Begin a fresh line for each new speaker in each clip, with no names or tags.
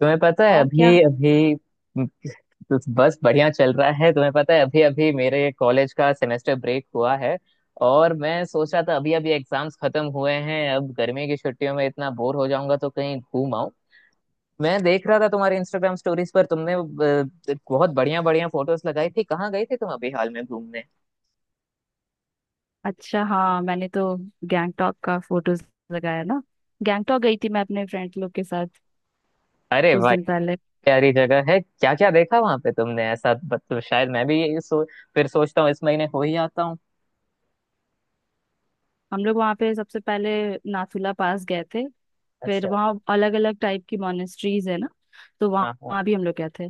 तुम्हें पता है
और क्या।
अभी अभी तो बस बढ़िया चल रहा है। तुम्हें पता है अभी अभी मेरे कॉलेज का सेमेस्टर ब्रेक हुआ है। और मैं सोच रहा था अभी अभी एग्जाम्स खत्म हुए हैं, अब गर्मी की छुट्टियों में इतना बोर हो जाऊंगा तो कहीं घूम आऊं। मैं देख रहा था तुम्हारे इंस्टाग्राम स्टोरीज पर तुमने बहुत बढ़िया बढ़िया फोटोज लगाई थी, कहाँ गई थी तुम अभी हाल में घूमने?
अच्छा, हाँ मैंने तो गैंगटॉक का फोटोज लगाया ना। गैंगटॉक गई थी मैं अपने फ्रेंड लोग के साथ
अरे
कुछ
भाई
दिन पहले।
प्यारी जगह है, क्या क्या देखा वहां पे तुमने ऐसा? तो शायद मैं भी ये फिर सोचता हूँ इस महीने हो ही आता हूँ।
हम लोग वहाँ पे सबसे पहले नाथुला पास गए थे। फिर
अच्छा।
वहाँ अलग अलग टाइप की मोनेस्ट्रीज है ना, तो वहाँ
हाँ हाँ।
वहाँ भी हम लोग गए थे।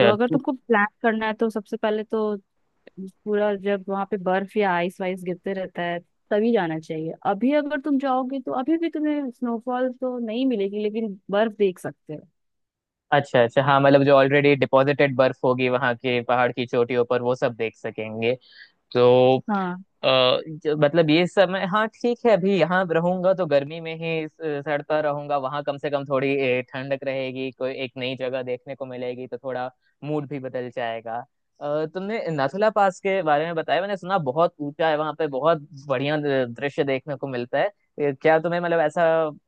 तो अगर
तो।
तुमको प्लान करना है तो सबसे पहले तो पूरा जब वहाँ पे बर्फ या आइस वाइस गिरते रहता है, तभी जाना चाहिए। अभी अगर तुम जाओगे तो अभी भी तुम्हें स्नोफॉल तो नहीं मिलेगी लेकिन बर्फ देख सकते हो।
अच्छा अच्छा हाँ, मतलब जो ऑलरेडी डिपॉजिटेड बर्फ होगी वहाँ के पहाड़ की चोटियों पर वो सब देख सकेंगे तो।
हाँ
अ, मतलब ये समय हाँ ठीक है, अभी यहाँ रहूंगा तो गर्मी में ही सड़ता रहूंगा, वहां कम से कम थोड़ी ठंडक रहेगी, कोई एक नई जगह देखने को मिलेगी तो थोड़ा मूड भी बदल जाएगा। तुमने नाथुला पास के बारे में बताया, मैंने सुना बहुत ऊंचा है वहां पे, बहुत बढ़िया दृश्य देखने को मिलता है। क्या तुम्हें मतलब ऐसा,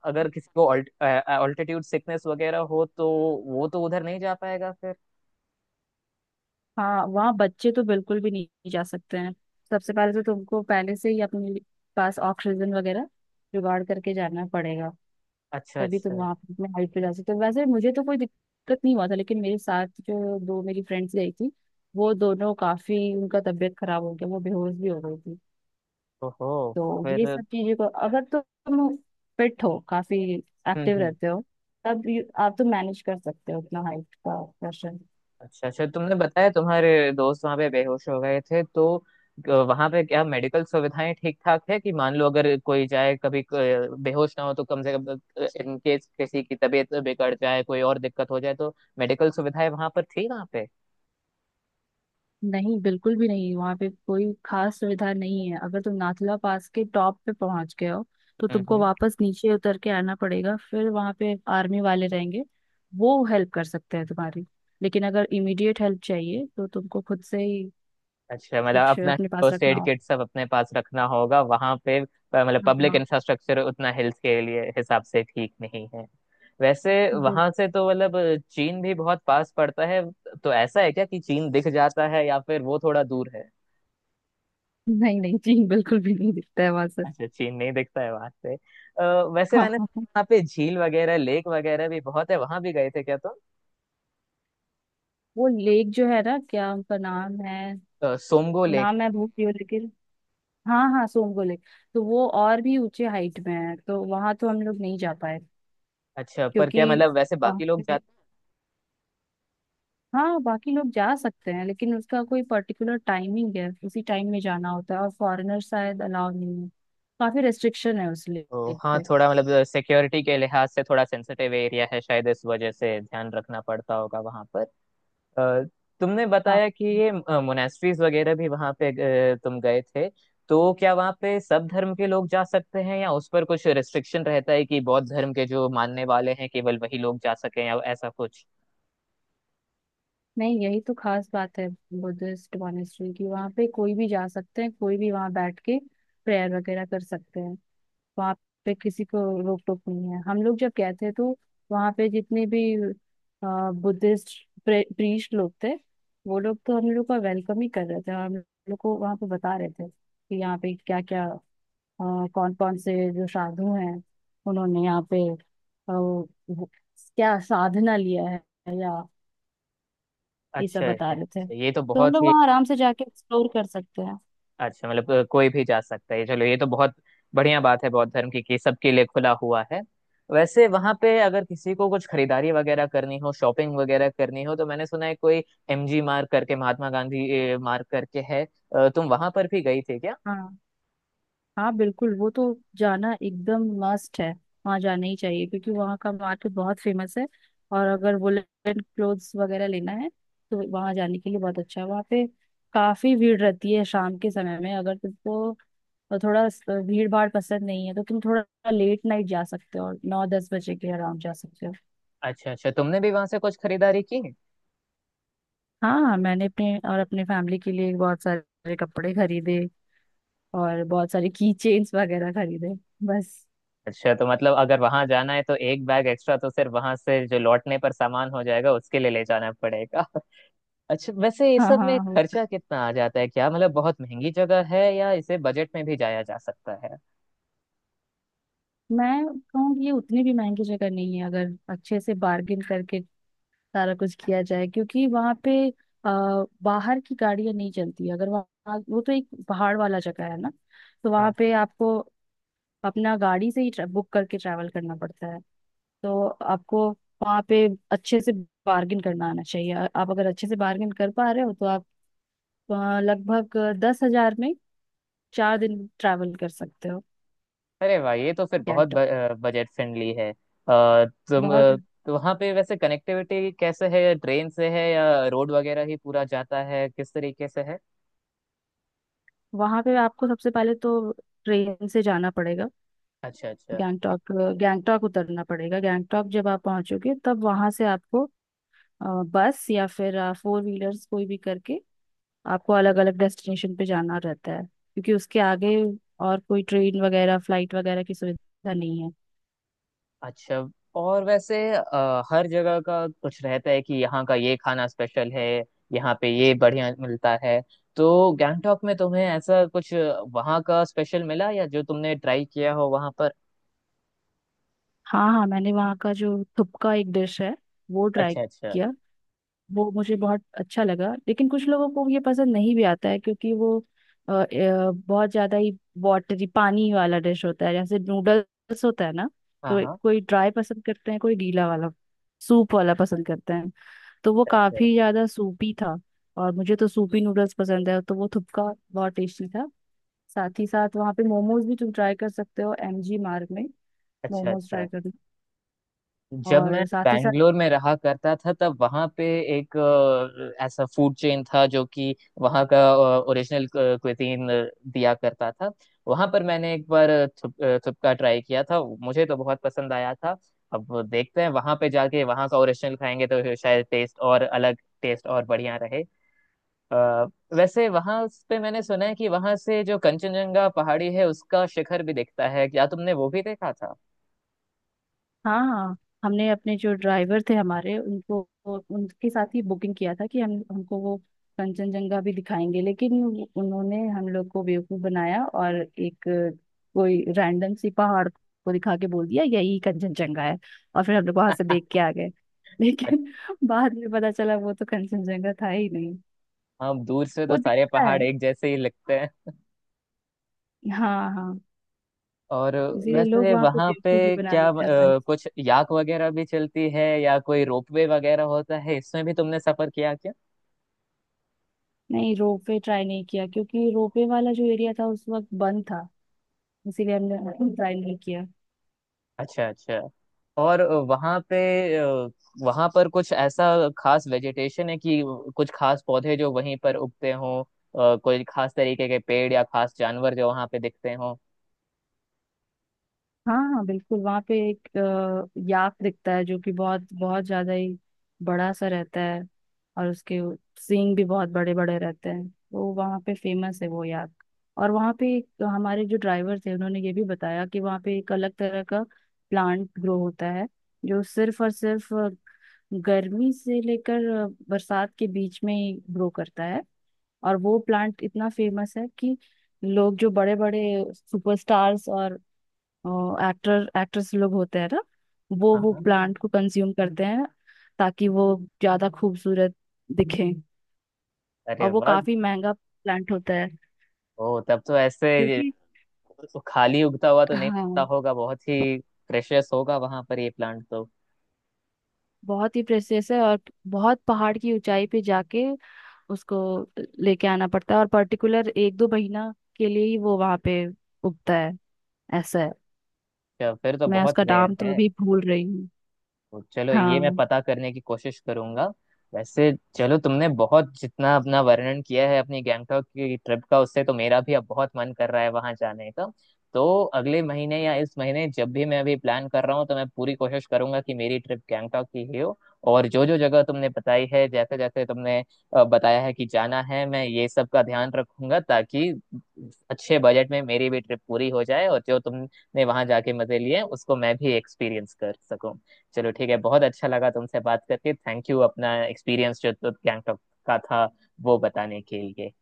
अगर किसी को ऑल्टीट्यूड सिकनेस वगैरह हो तो वो तो उधर नहीं जा पाएगा फिर।
हाँ, वहाँ बच्चे तो बिल्कुल भी नहीं जा सकते हैं। सबसे पहले तो तुमको पहले से ही पास ऑक्सीजन वगैरह जुगाड़ करके जाना पड़ेगा।
अच्छा
तभी तुम
अच्छा।
वहाँ पे अपने हाइट पे जा सकते हो। वैसे मुझे तो कोई दिक्कत नहीं हुआ था, लेकिन मेरे साथ जो दो मेरी फ्रेंड्स गई थी, वो दोनों काफी, उनका तबीयत खराब हो गया, वो बेहोश भी हो गई थी।
ओहो।
तो ये
फिर।
सब चीजें को, अगर तो तुम फिट हो, काफी एक्टिव
हम्म।
रहते हो, तब आप तो मैनेज कर सकते हो अपना हाइट का प्रेशर।
अच्छा अच्छा, तुमने बताया तुम्हारे दोस्त वहां पे बेहोश हो गए थे तो वहां पे क्या मेडिकल सुविधाएं ठीक ठाक है कि मान लो अगर कोई जाए कभी बेहोश ना हो तो कम से कम इन केस किसी की तबीयत बिगड़ जाए कोई और दिक्कत हो जाए तो मेडिकल सुविधाएं वहां पर थी वहां पे?
नहीं बिल्कुल भी नहीं, वहाँ पे कोई खास सुविधा नहीं है। अगर तुम नाथुला पास के टॉप पे पहुंच गए हो तो तुमको
हम्म।
वापस नीचे उतर के आना पड़ेगा। फिर वहाँ पे आर्मी वाले रहेंगे, वो हेल्प कर सकते हैं तुम्हारी, लेकिन अगर इमीडिएट हेल्प चाहिए तो तुमको खुद से ही
अच्छा मतलब
कुछ
अपना
अपने पास
फर्स्ट
रखना
एड किट सब अपने पास रखना होगा वहां पे। मतलब
होगा।
पब्लिक
हाँ
इंफ्रास्ट्रक्चर उतना हेल्थ के लिए हिसाब से ठीक नहीं है। वैसे
बिल-
वहां से तो मतलब चीन भी बहुत पास पड़ता है तो ऐसा है क्या कि चीन दिख जाता है या फिर वो थोड़ा दूर है?
नहीं नहीं जी, बिल्कुल भी नहीं दिखता है वहां से
अच्छा, चीन नहीं दिखता है वहां से। वैसे
हाँ
मैंने
हाँ,
सुना
हाँ।
वहाँ पे झील वगैरह लेक वगैरह भी बहुत है, वहां भी गए थे क्या तुम?
वो लेक जो है ना, क्या उनका नाम है,
तो? सोमगो लेक।
नाम मैं भूल रही हूँ लेकिन, हाँ हाँ, सोमगोले। तो वो और भी ऊंचे हाइट में है, तो वहां तो हम लोग नहीं जा पाए
अच्छा पर क्या
क्योंकि
मतलब वैसे
वहाँ
बाकी लोग
पे,
जाते
हाँ, बाकी लोग जा सकते हैं लेकिन उसका कोई पर्टिकुलर टाइमिंग है, उसी टाइम में जाना होता है, और फॉरेनर शायद अलाउ नहीं है। काफी रेस्ट्रिक्शन है उस लेक
तो। हाँ
पे।
थोड़ा मतलब सिक्योरिटी के लिहाज से थोड़ा सेंसिटिव एरिया है शायद, इस वजह से ध्यान रखना पड़ता होगा वहां पर। अ, तुमने
हाँ,
बताया कि ये मोनेस्ट्रीज वगैरह भी वहां पे तुम गए थे, तो क्या वहां पे सब धर्म के लोग जा सकते हैं या उस पर कुछ रिस्ट्रिक्शन रहता है कि बौद्ध धर्म के जो मानने वाले हैं केवल वही लोग जा सके या ऐसा कुछ?
नहीं यही तो खास बात है बुद्धिस्ट मॉनेस्ट्री की। वहाँ पे कोई भी जा सकते हैं, कोई भी वहाँ बैठ के प्रेयर वगैरह कर सकते हैं। वहाँ पे किसी को रोक टोक नहीं है। हम लोग जब गए थे तो वहाँ पे जितने भी बुद्धिस्ट प्रीस्ट लोग थे, वो लोग तो हम लोग का वेलकम ही कर रहे थे, और हम लोग को वहाँ पे बता रहे थे कि यहाँ पे क्या क्या, कौन कौन से जो साधु हैं, उन्होंने यहाँ पे क्या साधना लिया है, या ये
अच्छा
सब
है
बता
तो।
रहे थे।
ये तो
तो हम
बहुत
लोग
ही
वहाँ आराम से जाके एक्सप्लोर कर सकते हैं।
अच्छा, मतलब कोई भी जा सकता है, चलो ये तो बहुत बढ़िया बात है बौद्ध धर्म की कि सबके लिए खुला हुआ है। वैसे वहां पे अगर किसी को कुछ खरीदारी वगैरह करनी हो शॉपिंग वगैरह करनी हो, तो मैंने सुना है कोई एमजी मार्ग करके, महात्मा गांधी मार्ग करके है। तुम वहां पर भी गई थी क्या?
हाँ हाँ बिल्कुल, वो तो जाना एकदम मस्ट है। वहाँ जाना ही चाहिए क्योंकि वहाँ का मार्केट बहुत फेमस है। और अगर वुलन क्लोथ्स वगैरह लेना है तो वहाँ जाने के लिए बहुत अच्छा है। वहाँ पे काफी भीड़ रहती है शाम के समय में। अगर तुमको थोड़ा भीड़ भाड़ पसंद नहीं है तो तुम थोड़ा लेट नाइट जा सकते हो, और नौ दस बजे के अराउंड जा सकते हो।
अच्छा अच्छा, तुमने भी वहां से कुछ खरीदारी की?
हाँ हाँ, मैंने अपने और अपने फैमिली के लिए बहुत सारे कपड़े खरीदे, और बहुत सारे की चेन्स वगैरह खरीदे। बस।
अच्छा तो मतलब अगर वहां जाना है तो एक बैग एक्स्ट्रा तो सिर्फ वहां से जो लौटने पर सामान हो जाएगा उसके लिए ले जाना पड़ेगा। अच्छा वैसे ये
हाँ
सब
हाँ
में
हाँ।
खर्चा कितना आ जाता है, क्या मतलब बहुत महंगी जगह है या इसे बजट में भी जाया जा सकता है?
मैं कहूँगी ये उतनी भी महंगी जगह नहीं है, अगर अच्छे से बार्गिन करके सारा कुछ किया जाए, क्योंकि वहाँ पे बाहर की गाड़ियाँ नहीं चलती। अगर वहाँ, वो तो एक पहाड़ वाला जगह है ना, तो वहाँ
हाँ।
पे आपको अपना गाड़ी से ही बुक करके ट्रैवल करना पड़ता है। तो आपको वहाँ पे अच्छे से बार्गिन करना आना चाहिए। आप अगर अच्छे से बार्गिन कर पा रहे हो तो आप लगभग 10 हजार में 4 दिन ट्रैवल कर सकते हो।
अरे वाह ये तो फिर बहुत
गैंगटॉक
बजट फ्रेंडली है। तुम
बहुत
तो वहाँ पे वैसे कनेक्टिविटी कैसे है, ट्रेन से है या रोड वगैरह ही पूरा जाता है, किस तरीके से है?
वहां पे आपको सबसे पहले तो ट्रेन से जाना पड़ेगा।
अच्छा अच्छा
गैंगटॉक गैंगटॉक उतरना पड़ेगा। गैंगटॉक जब आप पहुंचोगे तब वहां से आपको अ, बस या फिर फोर व्हीलर्स, कोई भी करके आपको अलग अलग डेस्टिनेशन पे जाना रहता है, क्योंकि उसके आगे और कोई ट्रेन वगैरह फ्लाइट वगैरह की सुविधा नहीं है।
अच्छा। और वैसे हर जगह का कुछ रहता है कि यहाँ का ये खाना स्पेशल है, यहाँ पे ये बढ़िया मिलता है, तो गैंगटॉक में तुम्हें ऐसा कुछ वहाँ का स्पेशल मिला या जो तुमने ट्राई किया हो वहाँ पर?
हाँ हाँ, मैंने वहाँ का जो थुपका एक डिश है, वो ट्राई
अच्छा अच्छा।
वो मुझे बहुत अच्छा लगा, लेकिन कुछ लोगों को ये पसंद नहीं भी आता है क्योंकि वो बहुत ज्यादा ही वाटरी, पानी वाला डिश होता है, जैसे नूडल्स होता है ना।
हाँ
तो
हाँ।
कोई ड्राई पसंद करते हैं, कोई गीला वाला, सूप वाला पसंद करते हैं, तो वो
अच्छा
काफी ज्यादा सूपी था। और मुझे तो सूपी नूडल्स पसंद है तो वो थुपका बहुत टेस्टी था। साथ ही साथ वहाँ पे मोमोज भी तुम ट्राई कर सकते हो एमजी मार्ग में।
अच्छा
मोमोज
अच्छा।
ट्राई
अच्छा,
करना।
जब मैं
और साथ ही साथ,
बैंगलोर में रहा करता था तब वहां पे एक ऐसा फूड चेन था जो कि वहां का ओरिजिनल क्विजीन दिया करता था। वहां पर मैंने एक बार थुपका ट्राई किया था, मुझे तो बहुत पसंद आया था। अब देखते हैं वहां पे जाके वहां का ओरिजिनल खाएंगे तो शायद टेस्ट और अलग, टेस्ट और बढ़िया रहे। अ, वैसे वहां पे मैंने सुना है कि वहां से जो कंचनजंगा पहाड़ी है उसका शिखर भी दिखता है, क्या तुमने वो भी देखा था?
हाँ हाँ। हमने अपने जो ड्राइवर थे हमारे, उनको, उनके साथ ही बुकिंग किया था कि हम हमको वो कंचनजंगा भी दिखाएंगे, लेकिन उन्होंने हम लोग को बेवकूफ बनाया और एक कोई रैंडम सी पहाड़ को दिखा के बोल दिया यही कंचनजंगा है, और फिर हम लोग वहां से देख के आ गए। लेकिन बाद में पता चला वो तो कंचनजंगा था ही नहीं।
हाँ दूर से तो
वो
सारे
दिखता है,
पहाड़ एक जैसे ही लगते हैं।
हाँ हाँ।
और
इसीलिए लोग
वैसे
वहां पे
वहां पे
बेवकूफ भी बना
क्या
लेते हैं आसानी से।
कुछ याक वगैरह भी चलती है या कोई रोपवे वगैरह होता है, इसमें भी तुमने सफर किया क्या?
नहीं, रोपवे ट्राई नहीं किया क्योंकि रोपवे वाला जो एरिया था उस वक्त बंद था, इसीलिए हमने ट्राई नहीं किया।
अच्छा अच्छा। और वहां पे अ, वहां पर कुछ ऐसा खास वेजिटेशन है कि कुछ खास पौधे जो वहीं पर उगते हों, कोई खास तरीके के पेड़ या खास जानवर जो वहां पे दिखते हों?
हाँ हाँ बिल्कुल, वहाँ पे एक याक दिखता है जो कि बहुत बहुत ज्यादा ही बड़ा सा रहता है। और उसके सींग भी बहुत बड़े बड़े रहते हैं, तो वहाँ पे फेमस है वो याक। और वहाँ पे एक, हमारे जो ड्राइवर थे, उन्होंने ये भी बताया कि वहाँ पे एक अलग तरह का प्लांट ग्रो होता है, जो सिर्फ और सिर्फ गर्मी से लेकर बरसात के बीच में ही ग्रो करता है। और वो प्लांट इतना फेमस है कि लोग जो बड़े बड़े सुपरस्टार्स और एक्टर एक्ट्रेस लोग होते हैं ना, वो
हाँ
वो
हाँ।
प्लांट को कंज्यूम करते हैं ताकि वो ज्यादा खूबसूरत दिखें।
अरे
और वो
वाह।
काफी महंगा प्लांट होता है,
ओ तब तो ऐसे
क्योंकि
खाली उगता हुआ तो नहीं मिलता
हाँ,
होगा, बहुत ही प्रेशियस होगा वहां पर ये प्लांट तो।
बहुत ही प्रेशियस है। और बहुत पहाड़ की ऊंचाई पे जाके उसको लेके आना पड़ता है, और पर्टिकुलर एक दो महीना के लिए ही वो वहां पे उगता है, ऐसा है।
फिर तो
मैं
बहुत
उसका
रेयर
नाम तो
है।
अभी भूल रही हूँ।
तो चलो ये मैं
हाँ।
पता करने की कोशिश करूंगा। वैसे चलो तुमने बहुत जितना अपना वर्णन किया है अपनी गैंगटॉक की ट्रिप का, उससे तो मेरा भी अब बहुत मन कर रहा है वहां जाने का। तो अगले महीने या इस महीने जब भी मैं अभी प्लान कर रहा हूँ तो मैं पूरी कोशिश करूंगा कि मेरी ट्रिप गैंगटॉक की ही हो। और जो जो जगह तुमने बताई है जैसे जैसे तुमने बताया है कि जाना है, मैं ये सब का ध्यान रखूंगा ताकि अच्छे बजट में मेरी भी ट्रिप पूरी हो जाए और जो तुमने वहां जाके मजे लिए हैं, उसको मैं भी एक्सपीरियंस कर सकूं। चलो ठीक है, बहुत अच्छा लगा तुमसे बात करके, थैंक यू अपना एक्सपीरियंस जो तो गैंगटॉक का था वो बताने के लिए।